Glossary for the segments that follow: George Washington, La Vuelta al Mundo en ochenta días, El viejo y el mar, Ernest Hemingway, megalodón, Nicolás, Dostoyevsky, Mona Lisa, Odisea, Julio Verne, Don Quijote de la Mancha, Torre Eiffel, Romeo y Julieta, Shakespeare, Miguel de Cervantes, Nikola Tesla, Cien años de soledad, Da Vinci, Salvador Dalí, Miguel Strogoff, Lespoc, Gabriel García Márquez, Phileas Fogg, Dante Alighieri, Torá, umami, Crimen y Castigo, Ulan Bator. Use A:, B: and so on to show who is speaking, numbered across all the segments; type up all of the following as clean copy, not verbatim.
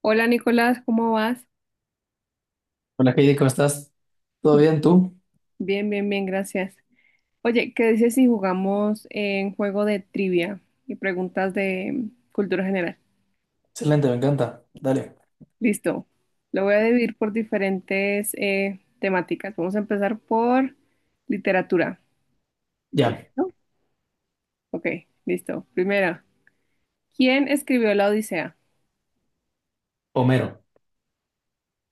A: Hola Nicolás, ¿cómo vas?
B: Hola Heidi, ¿cómo estás? ¿Todo bien tú?
A: Bien, bien, bien, gracias. Oye, ¿qué dices si jugamos en juego de trivia y preguntas de cultura general?
B: Excelente, me encanta. Dale.
A: Listo. Lo voy a dividir por diferentes temáticas. Vamos a empezar por literatura. ¿Estás
B: Ya.
A: listo? Ok, listo. Primera, ¿quién escribió la Odisea?
B: Homero.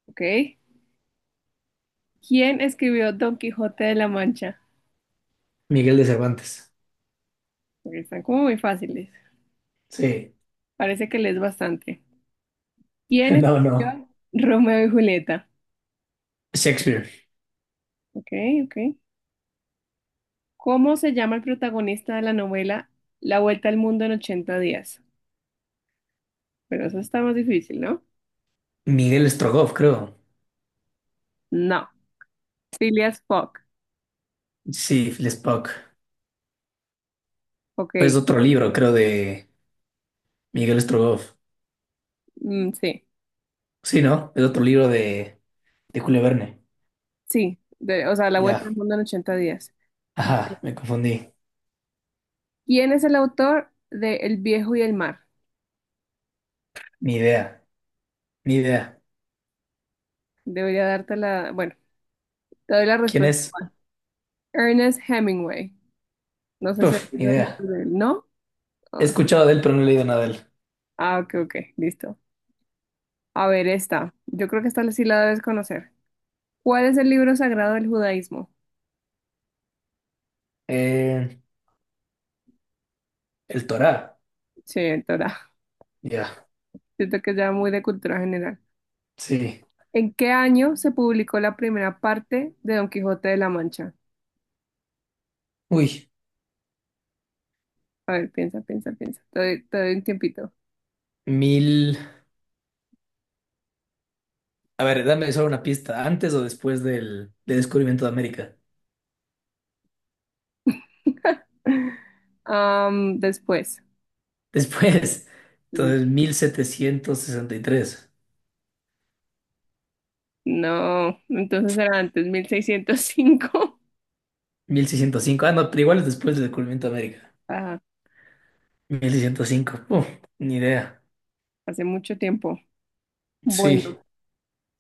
A: Ok. ¿Quién escribió Don Quijote de la Mancha?
B: Miguel de Cervantes.
A: Ok, están como muy fáciles.
B: Sí.
A: Parece que lees bastante. ¿Quién
B: No, no.
A: escribió Romeo y Julieta?
B: Shakespeare.
A: Ok, ok. ¿Cómo se llama el protagonista de la novela La Vuelta al Mundo en 80 días? Pero eso está más difícil, ¿no?
B: Miguel Strogoff, creo.
A: No. Phileas Fogg.
B: Sí, Lespoc.
A: Ok.
B: Es otro libro, creo, de Miguel Strogoff.
A: Mm, sí.
B: Sí, ¿no? Es otro libro de Julio Verne.
A: Sí. O sea, La Vuelta
B: Ya.
A: al Mundo en ochenta días.
B: Ajá, me confundí.
A: ¿Quién es el autor de El viejo y el mar?
B: Ni idea. Ni idea.
A: Debería darte la... Bueno, te doy la
B: ¿Quién
A: respuesta.
B: es?
A: Ernest Hemingway. No sé si has
B: Uf, ni
A: leído el
B: idea.
A: libro de él. ¿No?
B: He
A: Ah,
B: escuchado de él, pero no he leído nada de él.
A: ah, ok, ok. Listo. A ver, esta. Yo creo que esta sí la debes conocer. ¿Cuál es el libro sagrado del judaísmo?
B: Eh, el Torá.
A: Sí, el Torá.
B: Ya.
A: Siento que es ya muy de cultura general.
B: Sí.
A: ¿En qué año se publicó la primera parte de Don Quijote de la Mancha?
B: Uy.
A: A ver, piensa, piensa, piensa. Te doy un tiempito.
B: Mil. A ver, dame solo una pista. ¿Antes o después del descubrimiento de América?
A: Después.
B: Después. Entonces, mil setecientos sesenta y tres,
A: No, entonces era antes, 1605.
B: 1605. Ah, no, pero igual es después del descubrimiento de América.
A: Ah,
B: 1605. Uf, ni idea.
A: hace mucho tiempo. Bueno,
B: Sí,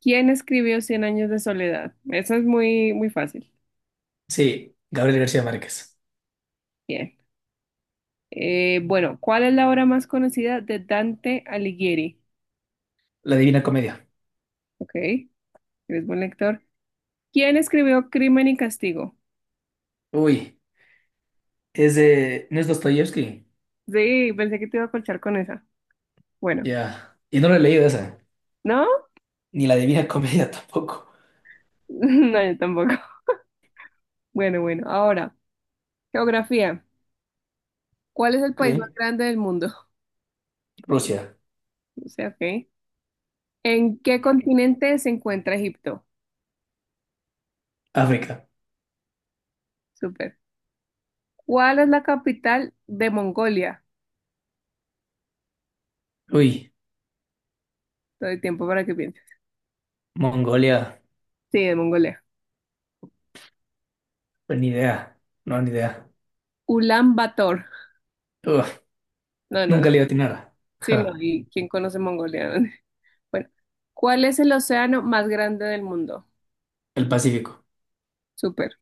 A: ¿quién escribió Cien años de soledad? Eso es muy, muy fácil.
B: sí. Gabriel García Márquez.
A: Bien. Bueno, ¿cuál es la obra más conocida de Dante Alighieri?
B: La Divina Comedia.
A: Ok, eres buen lector. ¿Quién escribió Crimen y Castigo?
B: Uy, es de... ¿No es Dostoyevsky?
A: Sí, pensé que te iba a colchar con esa. Bueno,
B: Ya. Y no lo he leído esa.
A: ¿no?
B: Ni La Divina Comedia tampoco.
A: No, yo tampoco. Bueno, bueno, ahora, geografía. ¿Cuál es el país más
B: Ok.
A: grande del mundo?
B: Rusia.
A: O sea, ok. ¿En qué continente se encuentra Egipto?
B: África.
A: Súper. ¿Cuál es la capital de Mongolia?
B: Uy,
A: Todo el tiempo para que pienses.
B: Mongolia.
A: Sí, de Mongolia.
B: Pues ni idea. No, ni idea.
A: Ulan Bator.
B: Uf.
A: No, no,
B: Nunca le iba.
A: sí, no.
B: Ja.
A: ¿Y quién conoce Mongolia? Bueno, ¿cuál es el océano más grande del mundo?
B: El Pacífico.
A: Súper.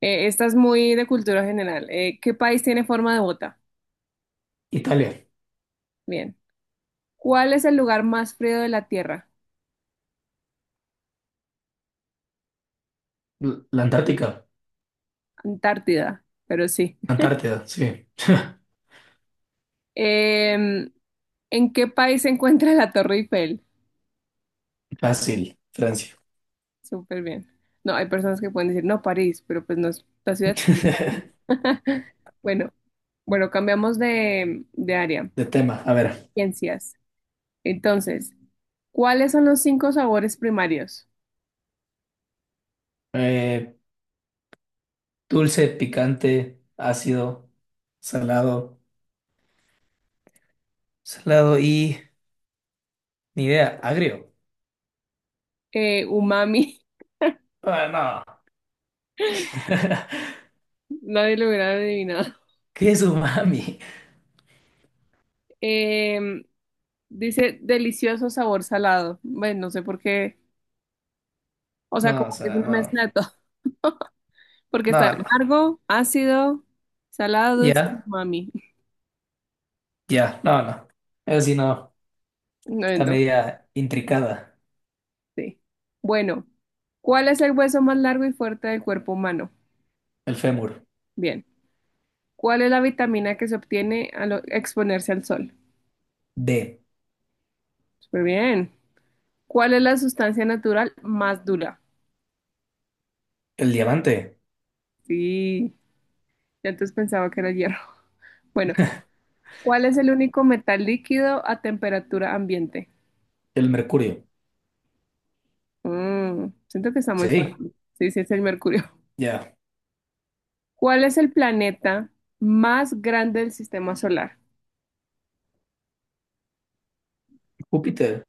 A: Esta es muy de cultura general. ¿Qué país tiene forma de bota?
B: Italia.
A: Bien. ¿Cuál es el lugar más frío de la Tierra?
B: La Antártica.
A: Antártida, pero sí.
B: Antártida, sí.
A: Em, ¿En qué país se encuentra la Torre Eiffel?
B: Fácil. Francia.
A: Súper bien. No, hay personas que pueden decir, no, París, pero pues no es la ciudad, sino París. Bueno, bueno, cambiamos de área.
B: De tema, a ver.
A: Ciencias. Entonces, ¿cuáles son los cinco sabores primarios?
B: eh, Dulce, picante, ácido, salado. Salado y... Ni idea, agrio.
A: Umami,
B: Ah, no.
A: nadie lo hubiera adivinado.
B: ¿Qué es umami?
A: Em, Dice delicioso sabor salado. Bueno, no sé por qué. O sea,
B: No,
A: como
B: o
A: que es
B: sea,
A: una mezcla
B: no.
A: de todo. Porque está el
B: No, no.
A: amargo, ácido, salado, dulce,
B: Ya,
A: mami.
B: ya, no, no. Eso sí, no.
A: No,
B: Está
A: no,
B: media intricada.
A: sí. Bueno, ¿cuál es el hueso más largo y fuerte del cuerpo humano?
B: El fémur.
A: Bien. ¿Cuál es la vitamina que se obtiene al exponerse al sol?
B: D.
A: Súper bien. ¿Cuál es la sustancia natural más dura?
B: El diamante.
A: Sí, ya antes pensaba que era hierro. Bueno, ¿cuál es el único metal líquido a temperatura ambiente?
B: El mercurio.
A: Siento que está muy
B: Sí,
A: fácil. Sí, sí, es el Mercurio.
B: ya.
A: ¿Cuál es el planeta más grande del sistema solar?
B: Júpiter,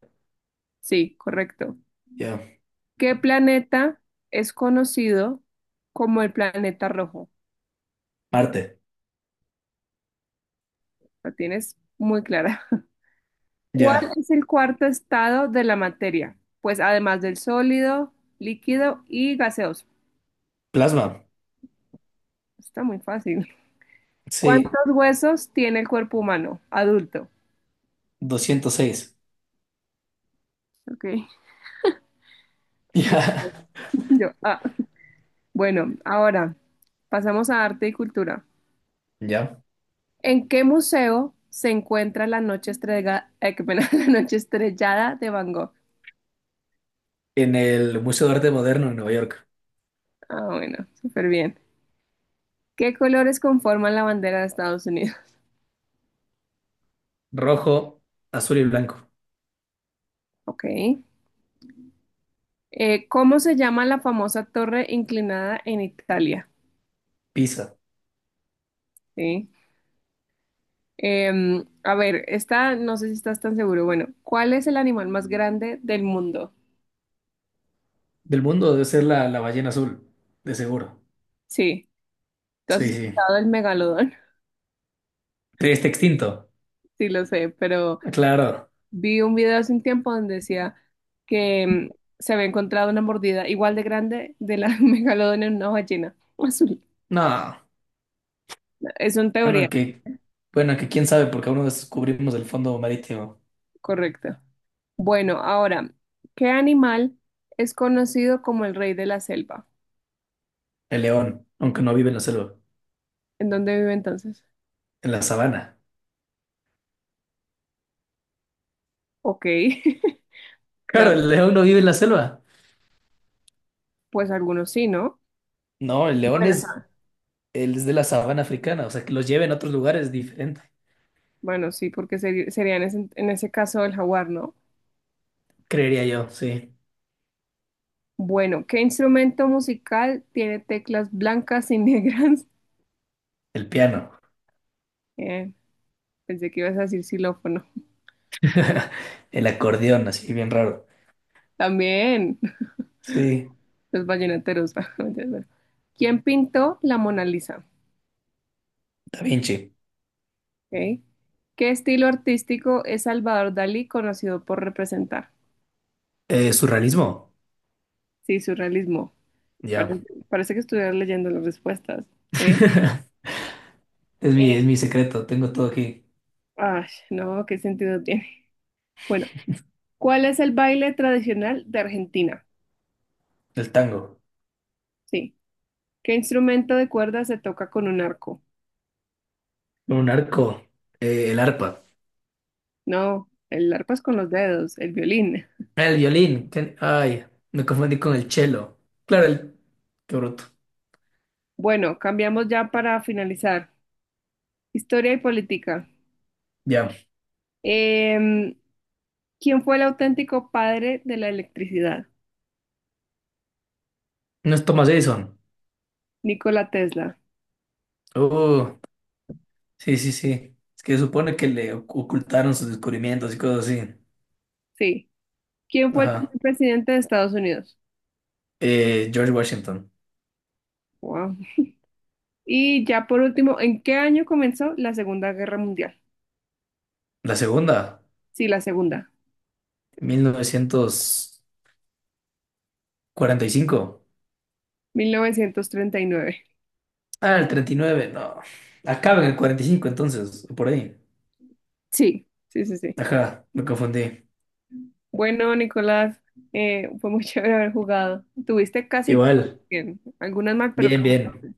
A: Sí, correcto.
B: ya.
A: ¿Qué planeta es conocido como el planeta rojo?
B: Marte,
A: La tienes muy clara. ¿Cuál
B: ya.
A: es el cuarto estado de la materia? Pues además del sólido, líquido y gaseoso.
B: Plasma,
A: Está muy fácil. ¿Cuántos
B: sí.
A: huesos tiene el cuerpo humano adulto?
B: 206,
A: Ok.
B: ya.
A: Listo. Yo, ah. Bueno, ahora pasamos a arte y cultura.
B: Ya.
A: ¿En qué museo se encuentra la noche qué pena, la noche estrellada de Van Gogh?
B: En el Museo de Arte Moderno en Nueva York.
A: Ah, bueno, súper bien. ¿Qué colores conforman la bandera de Estados Unidos?
B: Rojo, azul y blanco.
A: Ok. ¿Cómo se llama la famosa torre inclinada en Italia?
B: Pisa.
A: Sí. A ver, esta no sé si estás tan seguro. Bueno, ¿cuál es el animal más grande del mundo?
B: Del mundo debe ser la ballena azul, de seguro.
A: Sí. ¿Tú has
B: Sí, sí.
A: escuchado el megalodón?
B: Pero está extinto.
A: Sí, lo sé, pero
B: Claro.
A: vi un video hace un tiempo donde decía que se había encontrado una mordida igual de grande de la megalodón en una ballena azul.
B: No.
A: Es una teoría,
B: Bueno, que, bueno, que quién sabe, porque aún no descubrimos el fondo marítimo.
A: correcto. Bueno, ahora, ¿qué animal es conocido como el rey de la selva?
B: El león, aunque no vive en la selva,
A: ¿En dónde vive entonces?
B: en la sabana.
A: Ok, ya,
B: Claro, el león no vive en la selva.
A: pues algunos sí, ¿no?
B: No, el león
A: Bueno,
B: es. Él es de la sabana africana, o sea, que los lleve en otros lugares es diferente,
A: bueno, sí, porque sería en ese, caso el jaguar, ¿no?
B: creería yo, sí.
A: Bueno, ¿qué instrumento musical tiene teclas blancas y negras?
B: El piano,
A: Bien. Pensé que ibas a decir xilófono.
B: el acordeón, así bien raro.
A: También
B: Sí,
A: los vallenateros. ¿Quién pintó la Mona Lisa?
B: Da Vinci.
A: Ok. ¿Qué estilo artístico es Salvador Dalí conocido por representar?
B: Surrealismo,
A: Sí, surrealismo.
B: ya.
A: Pare- Parece, que estuvieras leyendo las respuestas. ¿Eh?
B: Es mi,
A: Eh,
B: es mi secreto, tengo todo aquí.
A: Ay, no, ¿qué sentido tiene? Bueno, ¿cuál es el baile tradicional de Argentina?
B: El tango,
A: Sí. ¿Qué instrumento de cuerda se toca con un arco?
B: un arco, el arpa,
A: No, el arpa es con los dedos, el violín.
B: el violín. Ay, me confundí con el cello. Claro, el... Qué bruto.
A: Bueno, cambiamos ya para finalizar. Historia y política.
B: Ya,
A: Em, ¿Quién fue el auténtico padre de la electricidad?
B: no es Thomas Edison.
A: Nikola Tesla.
B: Oh, sí, sí, sí. Es que se supone que le ocultaron sus descubrimientos y cosas así.
A: Sí. ¿Quién fue el
B: Ajá.
A: primer presidente de Estados Unidos?
B: George Washington.
A: Wow. Y ya por último, ¿en qué año comenzó la Segunda Guerra Mundial?
B: La segunda,
A: Sí, la Segunda.
B: 1945.
A: 1939.
B: Ah, el 39, no. Acaba en el 45 entonces, o por ahí.
A: Sí, sí, sí, sí.
B: Ajá, me confundí.
A: Bueno, Nicolás, fue muy chévere haber jugado. Tuviste casi todas
B: Igual,
A: bien. Algunas mal, pero
B: bien,
A: casi todas
B: bien.
A: bien.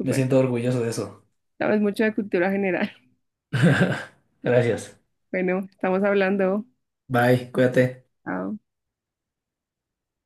B: Me siento orgulloso de eso.
A: Sabes mucho de cultura general.
B: Gracias.
A: Bueno, estamos hablando.
B: Bye, cuídate.
A: Chao.